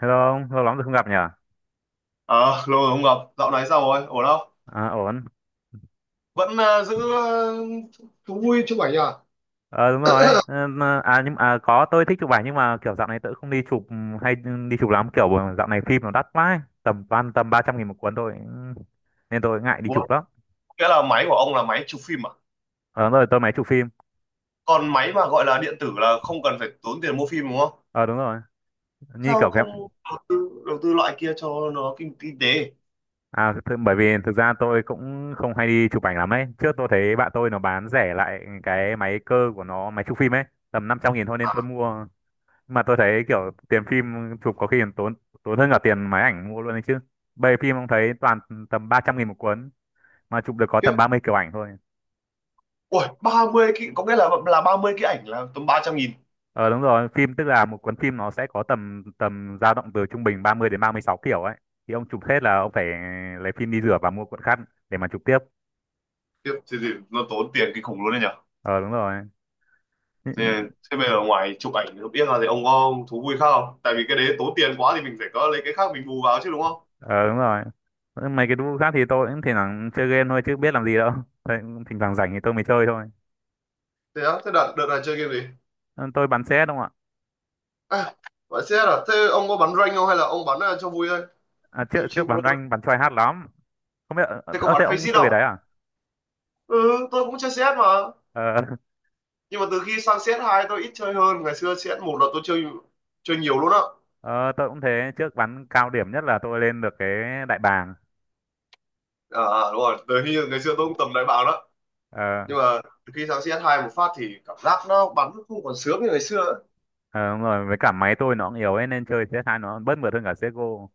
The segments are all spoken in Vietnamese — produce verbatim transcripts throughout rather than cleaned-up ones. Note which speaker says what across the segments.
Speaker 1: Hello ông, lâu lắm rồi không gặp nhỉ?
Speaker 2: Ờ, lâu rồi không gặp, dạo này sao rồi, ổn không?
Speaker 1: À, ổn.
Speaker 2: Vẫn ờ, giữ ờ, thú vui chụp ảnh à?
Speaker 1: Ờ đúng rồi. Ờ, mà- À nhưng mà à, có tôi thích chụp ảnh nhưng mà kiểu dạo này tôi không đi chụp ừ, hay đi chụp lắm. Kiểu dạo này phim nó đắt quá, ấy. tầm ban tầm ba trăm nghìn một cuốn thôi, ừ, nên tôi ngại đi
Speaker 2: Ủa,
Speaker 1: chụp lắm.
Speaker 2: nghĩa là máy của ông là máy chụp phim à?
Speaker 1: Ờ đúng rồi, tôi máy chụp phim.
Speaker 2: Còn máy mà gọi là điện tử là không cần phải tốn tiền mua phim đúng không?
Speaker 1: Ờ đúng rồi. Như
Speaker 2: Sao
Speaker 1: kiểu cái
Speaker 2: không đầu tư, đầu tư loại kia cho nó kinh, kinh tế?
Speaker 1: à th bởi vì thực ra tôi cũng không hay đi chụp ảnh lắm ấy. Trước tôi thấy bạn tôi nó bán rẻ lại cái máy cơ của nó, máy chụp phim ấy, tầm năm trăm nghìn thôi nên
Speaker 2: À,
Speaker 1: tôi mua. Mà tôi thấy kiểu tiền phim chụp có khi còn tốn tốn hơn cả tiền máy ảnh mua luôn đấy chứ. Bây giờ phim ông thấy toàn tầm ba trăm nghìn một cuốn mà chụp được có
Speaker 2: tiếp,
Speaker 1: tầm ba mươi kiểu ảnh thôi.
Speaker 2: ui, ba mươi cái, có nghĩa là là ba mươi cái ảnh là tầm ba trăm nghìn.
Speaker 1: Ờ đúng rồi, phim tức là một cuốn phim nó sẽ có tầm tầm dao động từ trung bình ba mươi đến ba mươi sáu kiểu ấy, thì ông chụp hết là ông phải lấy phim đi rửa và mua cuộn khác để mà chụp tiếp.
Speaker 2: Tiếp, thì, thì nó tốn tiền kinh khủng luôn đấy nhở?
Speaker 1: Ờ đúng rồi.
Speaker 2: Thế, thế bây giờ ngoài chụp ảnh không biết là thì ông có thú vui khác không? Tại vì cái đấy tốn tiền quá thì mình phải có lấy cái khác mình bù vào chứ đúng không?
Speaker 1: Ờ đúng rồi. Mấy cái vụ khác thì tôi cũng thỉnh thoảng chơi game thôi chứ biết làm gì đâu. Thế, thỉnh thoảng rảnh thì tôi mới chơi thôi.
Speaker 2: Thế á, thế đợt, đợt này chơi game gì?
Speaker 1: Ờ, tôi bắn xe đúng không ạ.
Speaker 2: À, bạn xe à? Thế ông có bắn rank không hay là ông bắn ờ, cho vui thôi?
Speaker 1: à, trước
Speaker 2: Chill
Speaker 1: trước
Speaker 2: chill bro.
Speaker 1: bắn rank bắn try hard lắm. Không biết ờ
Speaker 2: Thế có
Speaker 1: ờ,
Speaker 2: bắn
Speaker 1: thế ông
Speaker 2: face
Speaker 1: chơi cái
Speaker 2: không?
Speaker 1: đấy à.
Speaker 2: Ừ, tôi cũng chơi xê ét mà.
Speaker 1: Ờ,
Speaker 2: Nhưng mà từ khi sang cs hai tôi ít chơi hơn. Ngày xưa cs một là tôi chơi chơi nhiều luôn á.
Speaker 1: ờ, tôi cũng thế. Trước bắn cao điểm nhất là tôi lên được cái đại bàng.
Speaker 2: À, à, đúng rồi. Từ khi ngày xưa tôi cũng tầm đại bàng đó.
Speaker 1: ờ,
Speaker 2: Nhưng mà từ khi sang cs hai một phát thì cảm giác nó bắn nó không còn sướng như ngày xưa ấy.
Speaker 1: ờ, đúng rồi, với cả máy tôi nó cũng yếu ấy, nên chơi c e hai nó bớt mượt hơn cả c e s giê ô.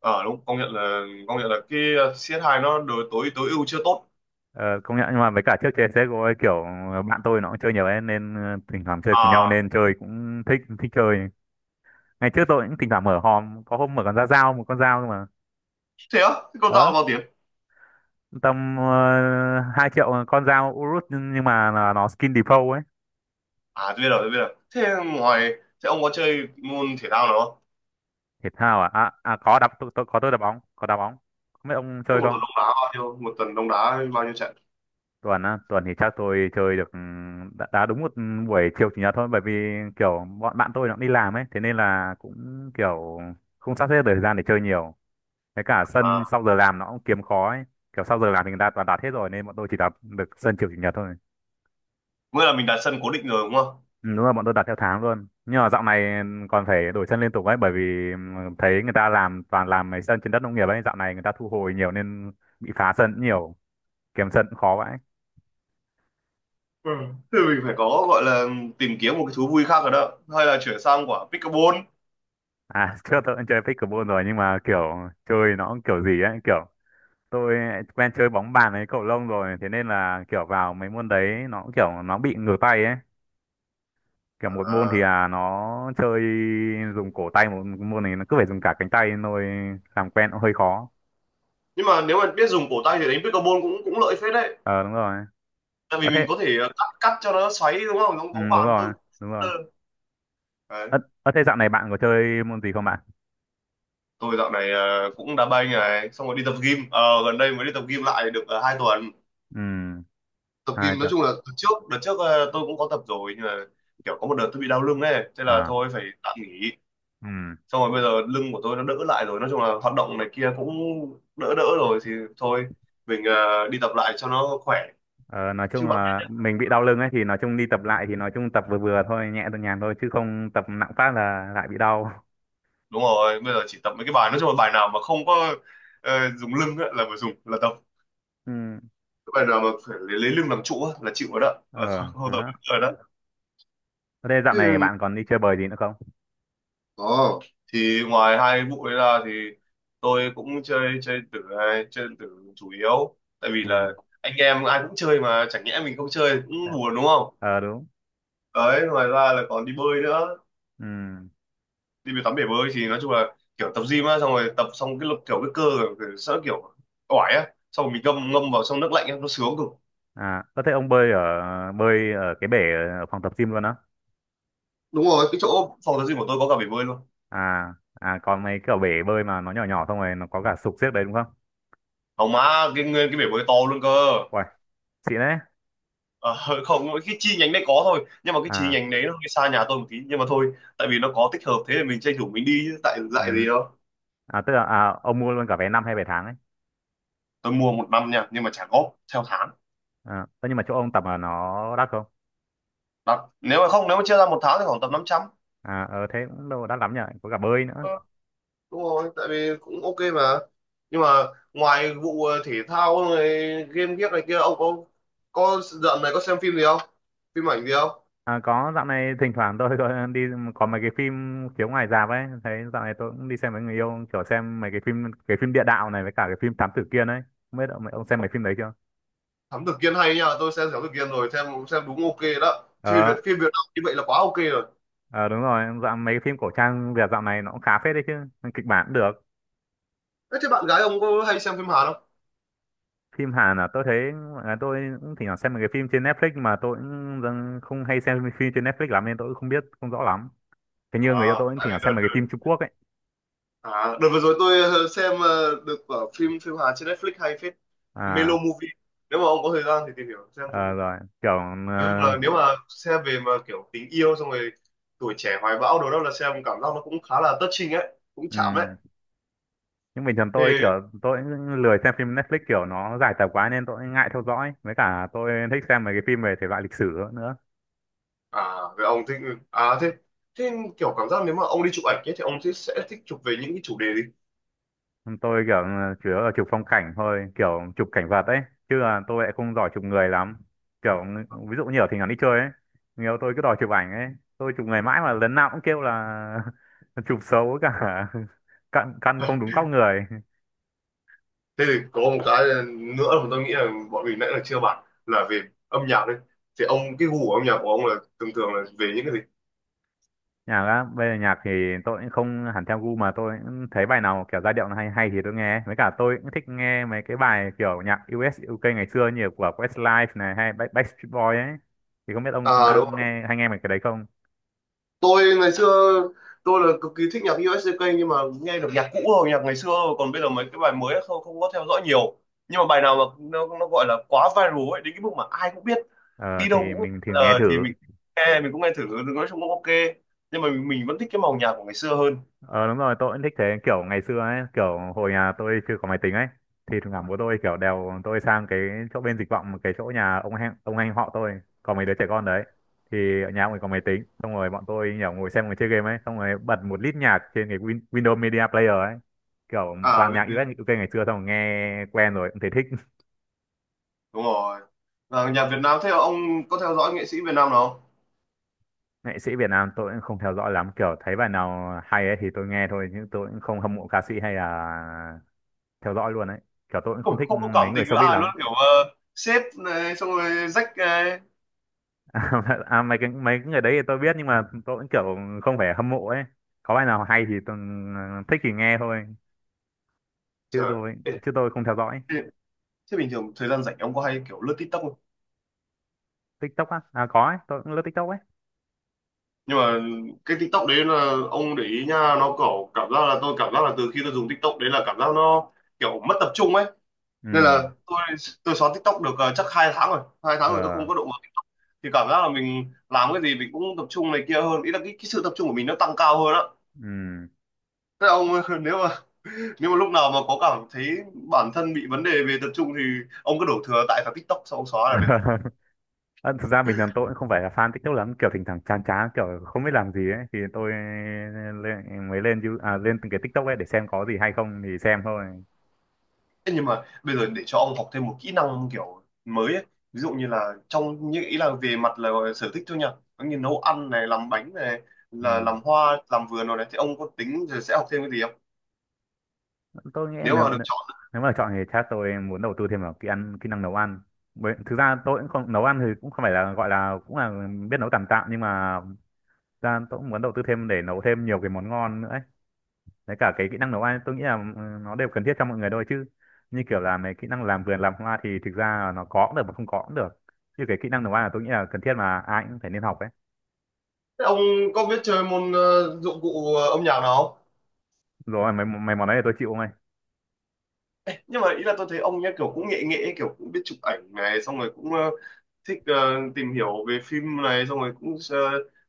Speaker 2: Ờ đúng, công nhận là công nhận là cái ờ, si ét hai nó đối tối tối ưu chưa tốt.
Speaker 1: ờ, công nhận. Nhưng mà với cả trước chơi c e s giê ô ấy, kiểu ờ, bạn tôi nó cũng chơi nhiều ấy, nên ờ, thỉnh thoảng chơi cùng nhau
Speaker 2: À,
Speaker 1: nên chơi cũng thích thích chơi. Ngày trước tôi cũng thỉnh thoảng mở hòm, có hôm mở con ra dao một con dao cơ mà.
Speaker 2: thế á? Thế con dao là
Speaker 1: ờ
Speaker 2: bao tiền?
Speaker 1: tầm uh, hai triệu con dao Urus nhưng nhưng mà là nó skin default ấy.
Speaker 2: À, tôi biết rồi, tôi biết rồi. Thế ngoài thế ông có chơi môn thể thao nào không?
Speaker 1: Thể thao à. À, à có đá, tôi, tôi có tôi đá bóng, có đá bóng. Không biết ông
Speaker 2: Thế
Speaker 1: chơi
Speaker 2: một
Speaker 1: không.
Speaker 2: tuần ông đá bao nhiêu? Một tuần ông đá bao nhiêu trận?
Speaker 1: Tuần á, tuần thì chắc tôi chơi được, ừm, đá, đá đúng một buổi chiều chủ nhật thôi, bởi vì kiểu bọn bạn tôi nó cũng đi làm ấy, thế nên là cũng kiểu không sắp xếp được thời gian để chơi nhiều. Với cả
Speaker 2: À,
Speaker 1: sân sau giờ làm nó cũng kiếm khó ấy, kiểu sau giờ làm thì người ta toàn đặt hết rồi nên bọn tôi chỉ đặt được sân chiều chủ nhật thôi.
Speaker 2: nghĩa là mình đặt sân cố định rồi đúng không?
Speaker 1: Ừ, đúng, là bọn tôi đặt theo tháng luôn. Nhưng mà dạo này còn phải đổi sân liên tục ấy, bởi vì ừm, thấy người ta làm toàn làm mấy sân trên đất nông nghiệp ấy, dạo này người ta thu hồi nhiều nên bị phá sân cũng nhiều. Kiếm trận khó vậy.
Speaker 2: Ừ. Thì mình phải có gọi là tìm kiếm một cái thú vui khác rồi đó. Hay là chuyển sang quả pickleball.
Speaker 1: À, trước tôi cũng chơi pickleball rồi, nhưng mà kiểu chơi nó cũng kiểu gì ấy, kiểu tôi quen chơi bóng bàn ấy, cầu lông rồi, thế nên là kiểu vào mấy môn đấy nó cũng kiểu nó bị ngửa tay ấy. Kiểu một môn thì
Speaker 2: À.
Speaker 1: là nó chơi dùng cổ tay, một môn này nó cứ phải dùng cả cánh tay thôi, làm quen cũng hơi khó.
Speaker 2: Nhưng mà nếu mà biết dùng cổ tay thì đánh pickleball cũng cũng lợi phết đấy.
Speaker 1: Ờ đúng rồi.
Speaker 2: Tại
Speaker 1: Ờ
Speaker 2: vì mình
Speaker 1: thế,
Speaker 2: có thể ờ, cắt cắt cho nó xoáy đúng không? Giống
Speaker 1: ừ,
Speaker 2: bóng
Speaker 1: đúng
Speaker 2: bàn
Speaker 1: rồi,
Speaker 2: tôi.
Speaker 1: đúng rồi.
Speaker 2: Đấy.
Speaker 1: Ờ, ờ thế dạo này bạn có chơi môn gì không bạn?
Speaker 2: Tôi dạo này ờ, cũng đá banh này, xong rồi đi tập gym. Ờ, gần đây mới đi tập gym lại được uh, hai tuần.
Speaker 1: Ừ,
Speaker 2: Tập
Speaker 1: hai
Speaker 2: gym nói
Speaker 1: tuần.
Speaker 2: chung là từ trước, đợt trước ờ, tôi cũng có tập rồi, nhưng mà kiểu có một đợt tôi bị đau lưng ấy, thế là
Speaker 1: À,
Speaker 2: thôi phải tạm nghỉ.
Speaker 1: ừ.
Speaker 2: Xong rồi bây giờ lưng của tôi nó đỡ lại rồi, nói chung là hoạt động này kia cũng đỡ đỡ rồi thì thôi mình ờ, đi tập lại cho nó khỏe
Speaker 1: Ờ, nói chung
Speaker 2: chứ bạn.
Speaker 1: là mình bị đau lưng ấy thì nói chung đi tập lại thì nói chung tập vừa vừa thôi, nhẹ thôi, nhàn thôi, chứ không tập nặng phát là lại bị đau.
Speaker 2: Đúng rồi, bây giờ chỉ tập mấy cái bài, nói chung là bài nào mà không có ờ, dùng lưng á, là phải dùng là tập
Speaker 1: Ừ.
Speaker 2: cái bài nào mà phải lấy, lấy lưng làm trụ á, là chịu rồi đó, là không,
Speaker 1: ờ
Speaker 2: không
Speaker 1: ờ
Speaker 2: tập
Speaker 1: hả.
Speaker 2: được rồi đó
Speaker 1: Thế dạo này
Speaker 2: thì,
Speaker 1: bạn còn đi chơi bời gì nữa không?
Speaker 2: oh. Thì ngoài hai vụ đấy ra thì tôi cũng chơi chơi tử này, chơi tử chủ yếu tại vì
Speaker 1: Ừ.
Speaker 2: là anh em ai cũng chơi mà chẳng nhẽ mình không chơi cũng buồn đúng không.
Speaker 1: Ờ đúng.
Speaker 2: Đấy ngoài ra là còn đi bơi nữa,
Speaker 1: Ừ.
Speaker 2: đi về tắm bể bơi thì nói chung là kiểu tập gym á, xong rồi tập xong cái lực kiểu cái cơ kiểu, sợ kiểu oải á, xong rồi mình ngâm ngâm vào trong nước lạnh á nó sướng cực.
Speaker 1: À có thể ông bơi ở bơi ở cái bể ở phòng tập gym luôn á?
Speaker 2: Đúng rồi, cái chỗ phòng tập gym của tôi có cả bể bơi luôn.
Speaker 1: À, à còn mấy cái ở bể bơi mà nó nhỏ nhỏ xong rồi nó có cả sục xiếc đấy đúng không?
Speaker 2: Hỏng má, cái nguyên cái bể bơi to luôn cơ.
Speaker 1: Uầy, xịn đấy.
Speaker 2: Ờ, không, cái chi nhánh đấy có thôi, nhưng mà cái chi
Speaker 1: À.
Speaker 2: nhánh đấy nó hơi xa nhà tôi một tí nhưng mà thôi, tại vì nó có tích hợp thế thì mình tranh thủ mình đi chứ tại dạy
Speaker 1: Ừ.
Speaker 2: gì đâu.
Speaker 1: À tức là à, ông mua luôn cả vé năm hay vé tháng ấy?
Speaker 2: Tôi mua một năm nha nhưng mà trả góp theo tháng.
Speaker 1: À, thế nhưng mà chỗ ông tập là nó đắt không?
Speaker 2: Đặt nếu mà không, nếu mà chia ra một tháng thì khoảng tầm năm trăm.
Speaker 1: À, ờ thế cũng đâu đắt lắm nhỉ, có cả bơi nữa.
Speaker 2: Ờ, đúng rồi tại vì cũng ok mà, nhưng mà ngoài vụ ờ, thể thao này, game ghiếc này kia ông có có dạo này có xem phim gì không, phim ảnh gì không?
Speaker 1: À, có, dạo này thỉnh thoảng tôi có đi, có mấy cái phim chiếu ngoài rạp ấy, thấy dạo này tôi cũng đi xem với người yêu, kiểu xem mấy cái phim, cái phim địa đạo này với cả cái phim Thám Tử Kiên ấy. Không biết ông, ông xem mấy phim đấy chưa?
Speaker 2: Thám tử Kiên hay nha, tôi xem Thám tử Kiên rồi, xem xem đúng ok đó, phim Việt,
Speaker 1: Ờ,
Speaker 2: phim Việt Nam như vậy là quá ok rồi.
Speaker 1: ờ đúng rồi, dạo mấy cái phim cổ trang Việt dạo này nó cũng khá phết đấy chứ, kịch bản cũng được.
Speaker 2: Thế, thế bạn gái ông có hay xem phim Hàn không?
Speaker 1: Phim Hàn là tôi thấy, à, tôi cũng thỉnh thoảng xem mấy cái phim trên Netflix mà tôi cũng dần- không hay xem phim trên Netflix lắm nên tôi cũng không biết, không rõ lắm. Thế như người yêu
Speaker 2: À
Speaker 1: tôi cũng
Speaker 2: tại
Speaker 1: thỉnh
Speaker 2: vì
Speaker 1: thoảng xem
Speaker 2: đợt
Speaker 1: mấy cái phim
Speaker 2: đợt,
Speaker 1: Trung Quốc ấy.
Speaker 2: à, đợt vừa rồi tôi ờ, xem ờ, được ở phim phim Hàn trên Netflix hay phết. Melo
Speaker 1: À.
Speaker 2: Movie, nếu mà ông có thời gian thì tìm hiểu xem
Speaker 1: Ờ
Speaker 2: thử.
Speaker 1: rồi kiểu
Speaker 2: Nói
Speaker 1: ờ,
Speaker 2: chung nếu mà xem về mà kiểu tình yêu xong rồi tuổi trẻ hoài bão đồ đó là xem cảm giác nó cũng khá là touching ấy, cũng chạm ấy.
Speaker 1: ừm. Nhưng bình thường
Speaker 2: Thì
Speaker 1: tôi kiểu tôi cũng lười xem phim Netflix, kiểu nó dài tập quá nên tôi ngại theo dõi, với cả tôi thích xem mấy cái phim về thể loại lịch sử nữa.
Speaker 2: à về ông thích ừ, à thế thế kiểu cảm giác nếu mà ông đi chụp ảnh ấy thì ông sẽ sẽ thích chụp về những cái chủ đề gì?
Speaker 1: Tôi kiểu ờ, chủ yếu là chụp phong cảnh thôi, kiểu chụp cảnh vật ấy, chứ là tôi lại không giỏi chụp người lắm. Kiểu ví dụ như ở thỉnh thoảng đi chơi ấy, nhiều tôi cứ đòi chụp ảnh ấy, tôi chụp người mãi mà lần nào cũng kêu là chụp xấu cả căn căn không đúng góc người.
Speaker 2: Thế thì có một cái nữa mà tôi nghĩ là bọn mình nãy là chưa bàn là về âm nhạc đấy. Thì ông cái gu của âm nhạc của ông là thường thường là về những cái gì?
Speaker 1: Nhạc á, bây giờ nhạc thì tôi cũng không hẳn theo gu, mà tôi cũng thấy bài nào kiểu giai điệu nó hay hay thì tôi nghe, với cả tôi cũng thích nghe mấy cái bài kiểu nhạc u es u ca ngày xưa như của Westlife này, hay Back- Backstreet Boys ấy. Thì không biết ông
Speaker 2: À
Speaker 1: đã
Speaker 2: đúng,
Speaker 1: nghe hay nghe mấy cái đấy không?
Speaker 2: tôi ngày xưa tôi là cực kỳ thích nhạc u ét gi ca nhưng mà nghe được nhạc cũ rồi nhạc ngày xưa thôi. Còn bây giờ mấy cái bài mới không, không có theo dõi nhiều, nhưng mà bài nào mà nó nó gọi là quá viral ấy đến cái mức mà ai cũng biết,
Speaker 1: Ờ
Speaker 2: đi đâu
Speaker 1: thì
Speaker 2: cũng
Speaker 1: mình thử nghe
Speaker 2: ờ, thì
Speaker 1: thử
Speaker 2: mình nghe mình cũng nghe thử, nói chung cũng ok, nhưng mà mình, mình vẫn thích cái màu nhạc của ngày xưa hơn.
Speaker 1: Ờ đúng rồi, tôi cũng thích thế. Kiểu ngày xưa ấy, kiểu hồi nhà tôi chưa có máy tính ấy, thì thỉnh thoảng bố tôi kiểu đèo tôi sang cái chỗ bên Dịch Vọng, cái chỗ nhà ông anh, ông anh họ tôi có mấy đứa trẻ con đấy, thì ở nhà ông ấy có máy tính, xong rồi bọn tôi nhỏ ngồi xem ngồi chơi game ấy, xong rồi bật một lít nhạc trên cái Win- Windows Media Player ấy, kiểu
Speaker 2: À
Speaker 1: toàn
Speaker 2: biết,
Speaker 1: nhạc
Speaker 2: biết.
Speaker 1: u ét u ca ngày xưa, xong rồi nghe quen rồi cũng thấy thích.
Speaker 2: Đúng rồi. Và nhạc Việt Nam thế là ông có theo dõi nghệ sĩ Việt Nam nào không?
Speaker 1: Nghệ sĩ Việt Nam tôi cũng không theo dõi lắm, kiểu thấy bài nào hay ấy thì tôi nghe thôi, nhưng tôi cũng không hâm mộ ca sĩ hay là theo dõi luôn ấy. Kiểu tôi cũng không
Speaker 2: Ôi,
Speaker 1: thích
Speaker 2: không có cảm
Speaker 1: mấy người
Speaker 2: tình với
Speaker 1: showbiz
Speaker 2: ai luôn
Speaker 1: lắm.
Speaker 2: kiểu uh, sếp này xong rồi rách này,
Speaker 1: À, à, mấy cái mấy cái người đấy thì tôi biết, nhưng mà tôi vẫn kiểu không phải hâm mộ ấy. Có bài nào hay thì tôi ờ, thích thì nghe thôi, chứ
Speaker 2: trời,
Speaker 1: tôi chứ tôi không theo dõi.
Speaker 2: ê, thế bình thường thời gian rảnh ông có hay kiểu lướt TikTok không?
Speaker 1: TikTok á, à có ấy, tôi cũng lướt TikTok ấy.
Speaker 2: Nhưng mà cái TikTok đấy là ông để ý nha, nó kiểu cảm giác là tôi cảm giác là từ khi tôi dùng TikTok đấy là cảm giác nó kiểu mất tập trung ấy. Nên là
Speaker 1: Ừ.
Speaker 2: tôi tôi xóa TikTok được ờ, chắc hai tháng rồi, hai tháng rồi tôi
Speaker 1: Ờ.
Speaker 2: không có động vào TikTok. Thì cảm giác là mình làm cái gì mình cũng tập trung này kia hơn, ý là cái, cái sự tập trung của mình nó tăng cao hơn á.
Speaker 1: Ừ.
Speaker 2: Thế ông nếu mà nếu mà lúc nào mà có cảm thấy bản thân bị vấn đề về tập trung thì ông cứ đổ thừa tại vào TikTok xong ông xóa là.
Speaker 1: Ờ, thực ra bình thường tôi cũng không phải là fan TikTok lắm, kiểu thỉnh thoảng chán chán kiểu không biết làm gì ấy thì tôi lên, mới lên You- à, lên từng cái TikTok ấy để xem có gì hay không thì xem thôi.
Speaker 2: Thế nhưng mà bây giờ để cho ông học thêm một kỹ năng kiểu mới ấy. Ví dụ như là trong như ý là về mặt là gọi là sở thích thôi nha, giống như nấu ăn này, làm bánh này,
Speaker 1: Ừ,
Speaker 2: là làm hoa làm vườn rồi này thì ông có tính rồi sẽ học thêm cái gì không,
Speaker 1: tôi nghĩ
Speaker 2: nếu
Speaker 1: nếu
Speaker 2: mà được chọn?
Speaker 1: nếu mà chọn thì chắc tôi muốn đầu tư thêm vào kỹ ăn kỹ năng nấu ăn. Bởi, thực ra tôi cũng không nấu ăn thì cũng không phải là, gọi là cũng là biết nấu tạm tạm, nhưng mà thực ra tôi cũng muốn đầu tư thêm để nấu thêm nhiều cái món ngon nữa ấy. Đấy, cả cái kỹ năng nấu ăn tôi nghĩ là, ừ, nó đều cần thiết cho mọi người thôi, chứ như kiểu là mấy kỹ năng làm vườn làm hoa thì thực ra là nó có cũng được mà không có cũng được, chứ cái kỹ năng nấu ăn là tôi nghĩ là cần thiết mà ai cũng phải nên học ấy.
Speaker 2: Thế ông có biết chơi môn ờ, dụng cụ ờ, âm nhạc nào không?
Speaker 1: Rồi mấy mấy món đấy thì tôi chịu.
Speaker 2: Nhưng mà ý là tôi thấy ông nhá kiểu cũng nghệ nghệ kiểu cũng biết chụp ảnh này xong rồi cũng ờ, thích ờ, tìm hiểu về phim này xong rồi cũng ờ,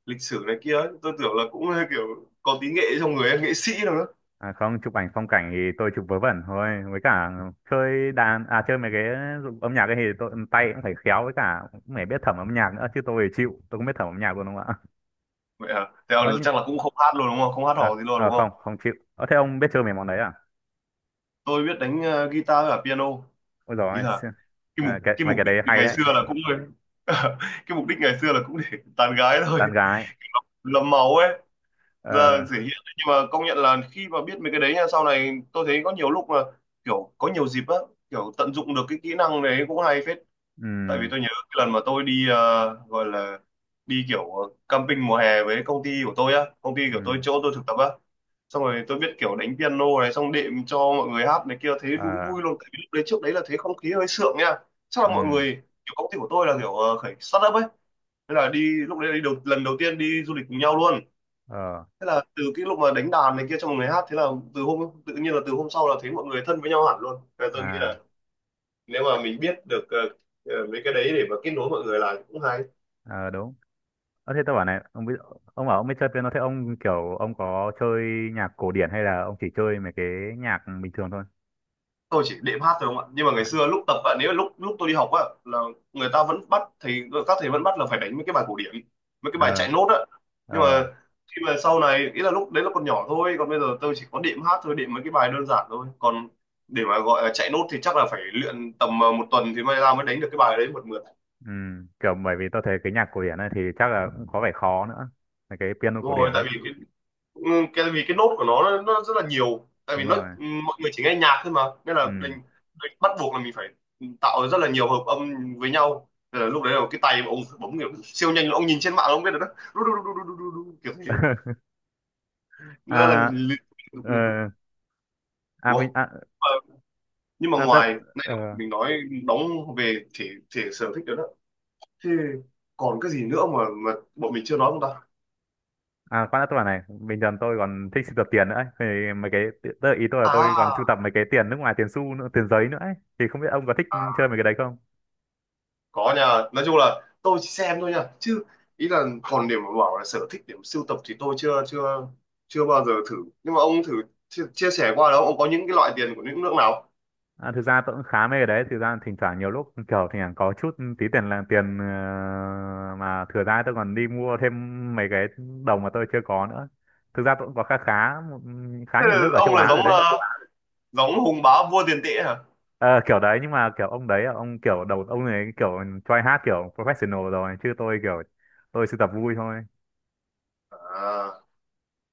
Speaker 2: lịch sử này kia ấy. Tôi tưởng là cũng ờ, kiểu có tí nghệ trong người ấy, nghệ sĩ đâu.
Speaker 1: À không, chụp ảnh phong cảnh thì tôi chụp vớ vẩn thôi, với cả chơi đàn, à chơi mấy cái dụng âm nhạc ấy thì tôi tay cũng phải khéo, với cả cũng phải biết thẩm âm nhạc nữa, chứ tôi thì chịu, tôi không biết thẩm âm nhạc luôn đúng không ạ?
Speaker 2: Vậy à, thế là
Speaker 1: Ơ nhưng
Speaker 2: chắc là cũng không hát luôn đúng không, không hát
Speaker 1: ờ
Speaker 2: hò gì luôn
Speaker 1: ờ,
Speaker 2: đúng không?
Speaker 1: không, không chịu. Ờ thế ông biết chơi mấy món đấy à?
Speaker 2: Tôi biết đánh ờ, guitar và piano.
Speaker 1: Ôi giời
Speaker 2: Ý
Speaker 1: ơi,
Speaker 2: là
Speaker 1: xì-
Speaker 2: cái mục
Speaker 1: à, cái
Speaker 2: cái
Speaker 1: mấy
Speaker 2: mục
Speaker 1: cái đấy
Speaker 2: đích
Speaker 1: hay
Speaker 2: ngày
Speaker 1: đấy,
Speaker 2: xưa là cũng cái mục đích ngày xưa là cũng để tán gái thôi,
Speaker 1: đàn gái.
Speaker 2: lấm máu ấy, giờ
Speaker 1: Ờ.
Speaker 2: thể hiện đấy. Nhưng mà công nhận là khi mà biết mấy cái đấy nha, sau này tôi thấy có nhiều lúc là kiểu có nhiều dịp á, kiểu tận dụng được cái kỹ năng đấy cũng hay phết. Tại vì
Speaker 1: Ừm,
Speaker 2: tôi nhớ cái lần mà tôi đi ờ, gọi là đi kiểu ờ, camping mùa hè với công ty của tôi á, công ty của tôi
Speaker 1: ừm,
Speaker 2: chỗ tôi thực tập á, xong rồi tôi biết kiểu đánh piano này, xong đệm cho mọi người hát này kia, thấy đúng
Speaker 1: ờ,
Speaker 2: vui luôn. Tại vì lúc đấy, trước đấy là thấy không khí hơi sượng nha. Chắc là mọi
Speaker 1: ừm,
Speaker 2: người kiểu công ty của tôi là kiểu ờ, khởi start up ấy. Thế là đi, lúc đấy là đi đầu, lần đầu tiên đi du lịch cùng nhau luôn.
Speaker 1: ờ.
Speaker 2: Thế là từ cái lúc mà đánh đàn này kia cho mọi người hát, thế là từ hôm, tự nhiên là từ hôm sau là thấy mọi người thân với nhau hẳn luôn. Thế là tôi nghĩ
Speaker 1: À.
Speaker 2: là nếu mà mình biết được ờ, ờ, mấy cái đấy để mà kết nối mọi người là cũng hay.
Speaker 1: Ờ đúng. Ờ thế tôi bảo này, ông biết ông bảo ông biết chơi piano, thế ông kiểu ông có chơi nhạc cổ điển hay là ông chỉ chơi mấy cái nhạc bình thường thôi?
Speaker 2: Tôi chỉ đệm hát thôi không ạ, nhưng mà ngày
Speaker 1: À,
Speaker 2: xưa lúc tập bạn ấy, lúc lúc tôi đi học á là người ta vẫn bắt thầy các thầy vẫn bắt là phải đánh mấy cái bài cổ điển, mấy cái bài chạy
Speaker 1: ờ,
Speaker 2: nốt á. Nhưng mà
Speaker 1: ờ,
Speaker 2: khi mà sau này, ý là lúc đấy là còn nhỏ thôi, còn bây giờ tôi chỉ có đệm hát thôi, đệm mấy cái bài đơn giản thôi, còn để mà gọi là chạy nốt thì chắc là phải luyện tầm ờ, một tuần thì may ra mới đánh được cái bài đấy một mượt.
Speaker 1: ừ. Kiểu bởi vì tôi thấy cái nhạc cổ điển ấy thì chắc là cũng có vẻ khó nữa. Là cái piano
Speaker 2: Đúng
Speaker 1: cổ điển
Speaker 2: rồi,
Speaker 1: ấy.
Speaker 2: tại vì Ừ, cái vì cái nốt của nó, nó, rất là nhiều, tại vì
Speaker 1: Đúng
Speaker 2: nó ừ,
Speaker 1: rồi.
Speaker 2: mọi người chỉ nghe nhạc thôi mà, nên là mình,
Speaker 1: Ừ.
Speaker 2: mình bắt buộc là mình phải tạo rất là nhiều hợp âm với nhau. Thế là lúc đấy là cái tay mà ông phải bấm kiểu siêu nhanh, ông nhìn trên mạng ông biết được đó, đu, đu, đu, đu, đu, đu, đu, kiểu thế. Nó là
Speaker 1: À.
Speaker 2: liên tục liên tục.
Speaker 1: Ờ. À mình
Speaker 2: Ủa,
Speaker 1: à,
Speaker 2: Ờ, nhưng mà
Speaker 1: à, tôi,
Speaker 2: ngoài này
Speaker 1: ờ,
Speaker 2: mình nói đóng về thể thể sở thích đó, đó thì còn cái gì nữa mà mà bọn mình chưa nói không ta?
Speaker 1: à khoan đã tôi bảo này, bình thường tôi còn thích sưu tập tiền nữa ấy. Thì mấy cái, tức là ý tôi là tôi còn sưu
Speaker 2: À,
Speaker 1: tập mấy cái tiền nước ngoài, tiền xu nữa, tiền giấy nữa ấy. Thì không biết ông có thích chơi mấy cái đấy không?
Speaker 2: có nha, nói chung là tôi chỉ xem thôi nha, chứ ý là còn điểm mà bảo là sở thích điểm sưu tập thì tôi chưa chưa chưa bao giờ thử. Nhưng mà ông thử chia, chia sẻ qua đó, ông có những cái loại tiền của những nước nào?
Speaker 1: À, thực ra tôi cũng khá mê cái đấy, thực ra thỉnh thoảng nhiều lúc kiểu thỉnh thoảng có chút tí tiền là tiền ờ, mà thừa ra tôi còn đi mua thêm mấy cái đồng mà tôi chưa có nữa. Thực ra tôi cũng có khá khá một- khá
Speaker 2: Thế
Speaker 1: nhiều
Speaker 2: là
Speaker 1: nước ở châu
Speaker 2: ông là
Speaker 1: Á rồi
Speaker 2: giống
Speaker 1: đấy.
Speaker 2: ờ, giống hùng bá vua tiền tệ hả?
Speaker 1: Ờ, kiểu đấy, nhưng mà kiểu ông đấy ông kiểu đầu ông này kiểu try hát kiểu professional rồi, chứ tôi kiểu tôi sưu tập vui thôi.
Speaker 2: À,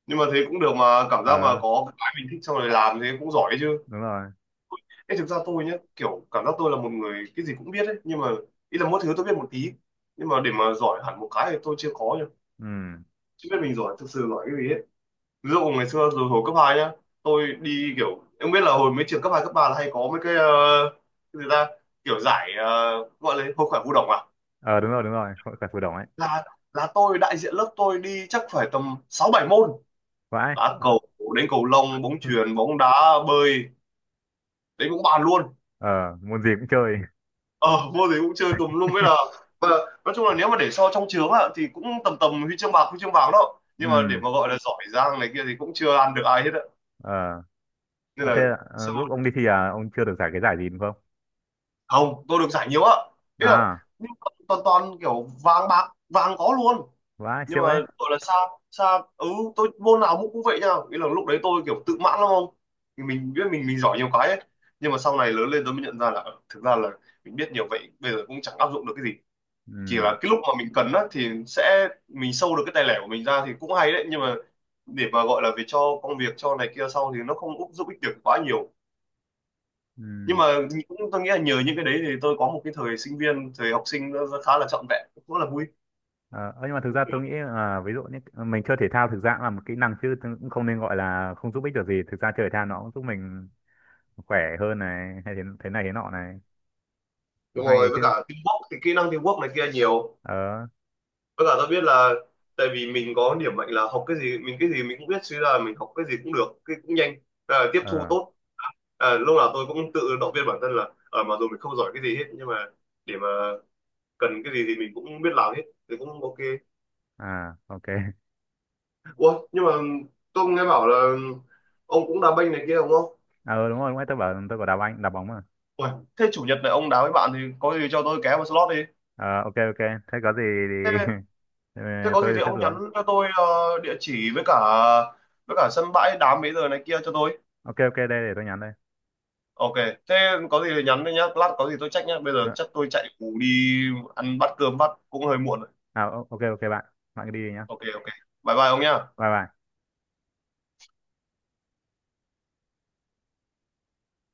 Speaker 2: nhưng mà thế cũng được mà, cảm giác mà
Speaker 1: Ờ
Speaker 2: có cái mình thích xong rồi làm thế cũng giỏi đấy chứ.
Speaker 1: đúng rồi.
Speaker 2: Ê, thực ra tôi nhá, kiểu cảm giác tôi là một người cái gì cũng biết ấy, nhưng mà ý là mỗi thứ tôi biết một tí, nhưng mà để mà giỏi hẳn một cái thì tôi chưa có nhá,
Speaker 1: Ừ.
Speaker 2: chưa biết mình giỏi, thực sự giỏi cái gì ấy. Ví dụ ngày xưa rồi hồi cấp hai nhá, tôi đi kiểu, em biết là hồi mấy trường cấp hai cấp ba là hay có mấy cái ờ, cái gì ta, kiểu giải ờ, gọi là hội khỏe vũ đồng à,
Speaker 1: Ờ đúng rồi, đúng rồi, hội cả phù đồng ấy.
Speaker 2: là là tôi đại diện lớp tôi đi chắc phải tầm sáu bảy môn,
Speaker 1: Vãi.
Speaker 2: đá cầu, đến cầu lông, bóng chuyền, bóng đá, bơi, đấy cũng bàn luôn.
Speaker 1: Ờ môn gì cũng chơi.
Speaker 2: Ờ, môn gì cũng chơi tùm lum, với là và nói chung là nếu mà để so trong trường á thì cũng tầm tầm huy chương bạc, huy chương vàng đó, nhưng mà để
Speaker 1: Ừ.
Speaker 2: mà gọi là giỏi giang này kia thì cũng chưa ăn được ai hết á,
Speaker 1: Ờ.
Speaker 2: nên
Speaker 1: Ờ, thế
Speaker 2: là
Speaker 1: ờ, lúc ông đi thi à, ông chưa được giải cái giải gì đúng không?
Speaker 2: không. Tôi được giải nhiều á, ý là,
Speaker 1: À
Speaker 2: nhưng mà toàn toàn kiểu vàng bạc, vàng có luôn.
Speaker 1: vãi,
Speaker 2: Nhưng
Speaker 1: siêu
Speaker 2: mà
Speaker 1: đấy.
Speaker 2: gọi là xa xa, ừ, tôi môn nào cũng cũng vậy nha, ý là lúc đấy tôi kiểu tự mãn lắm không, thì mình biết mình mình giỏi nhiều cái ấy. Nhưng mà sau này lớn lên tôi mới nhận ra là ờ, thực ra là mình biết nhiều vậy bây giờ cũng chẳng áp dụng được cái gì, chỉ
Speaker 1: Ừ.
Speaker 2: là cái lúc mà mình cần á thì sẽ mình sâu được cái tài lẻ của mình ra thì cũng hay đấy, nhưng mà để mà gọi là về cho công việc cho này kia sau thì nó không giúp ích được quá nhiều. Nhưng
Speaker 1: Ừ.
Speaker 2: mà cũng, tôi nghĩ là nhờ những cái đấy thì tôi có một cái thời sinh viên, thời học sinh nó khá là trọn vẹn, cũng rất là vui.
Speaker 1: Ờ, ơ, nhưng mà thực ra tôi nghĩ là, ví dụ như mình chơi thể thao thực ra cũng là một kỹ năng chứ, tôi cũng không nên gọi là không giúp ích được gì. Thực ra chơi thể thao nó cũng giúp mình khỏe hơn này, hay thế, thế này thế nọ này, cũng
Speaker 2: Đúng
Speaker 1: hay đấy
Speaker 2: rồi, với
Speaker 1: chứ.
Speaker 2: cả teamwork thì kỹ năng teamwork này kia nhiều.
Speaker 1: Ờ.
Speaker 2: Với cả tôi biết là, tại vì mình có điểm mạnh là học cái gì, mình cái gì mình cũng biết chứ, là mình học cái gì cũng được, cái cũng nhanh, à, tiếp thu
Speaker 1: Ờ.
Speaker 2: tốt. À, lúc nào tôi cũng tự động viên bản thân là ở mà dù mình không giỏi cái gì hết, nhưng mà để mà cần cái gì thì mình cũng biết làm hết thì cũng ok.
Speaker 1: À ok.
Speaker 2: Ủa, nhưng mà tôi nghe bảo là ông cũng đá banh này kia đúng không?
Speaker 1: Ờ đúng rồi đúng rồi, tôi bảo tôi có đá banh đá bóng mà.
Speaker 2: Ui, thế chủ nhật này ông đá với bạn thì có gì cho tôi ké vào slot đi.
Speaker 1: Ờ ok ok, thế có gì thì
Speaker 2: Thế,
Speaker 1: ờ,
Speaker 2: thế có gì
Speaker 1: tôi
Speaker 2: thì
Speaker 1: sẽ
Speaker 2: ông
Speaker 1: xuống.
Speaker 2: nhắn cho tôi ờ, địa chỉ, với cả với cả sân bãi, đá mấy giờ này kia cho tôi.
Speaker 1: Ok ok đây, để tôi nhắn đây.
Speaker 2: Ok, thế có gì thì nhắn đi nhá, lát có gì tôi check nhá. Bây giờ
Speaker 1: Ờ,
Speaker 2: chắc tôi chạy ngủ đi, ăn bát cơm bát cũng hơi muộn rồi.
Speaker 1: à ok ok bạn, bạn cứ đi đi nhá.
Speaker 2: Ok ok. Bye bye ông nhá.
Speaker 1: Bye bye.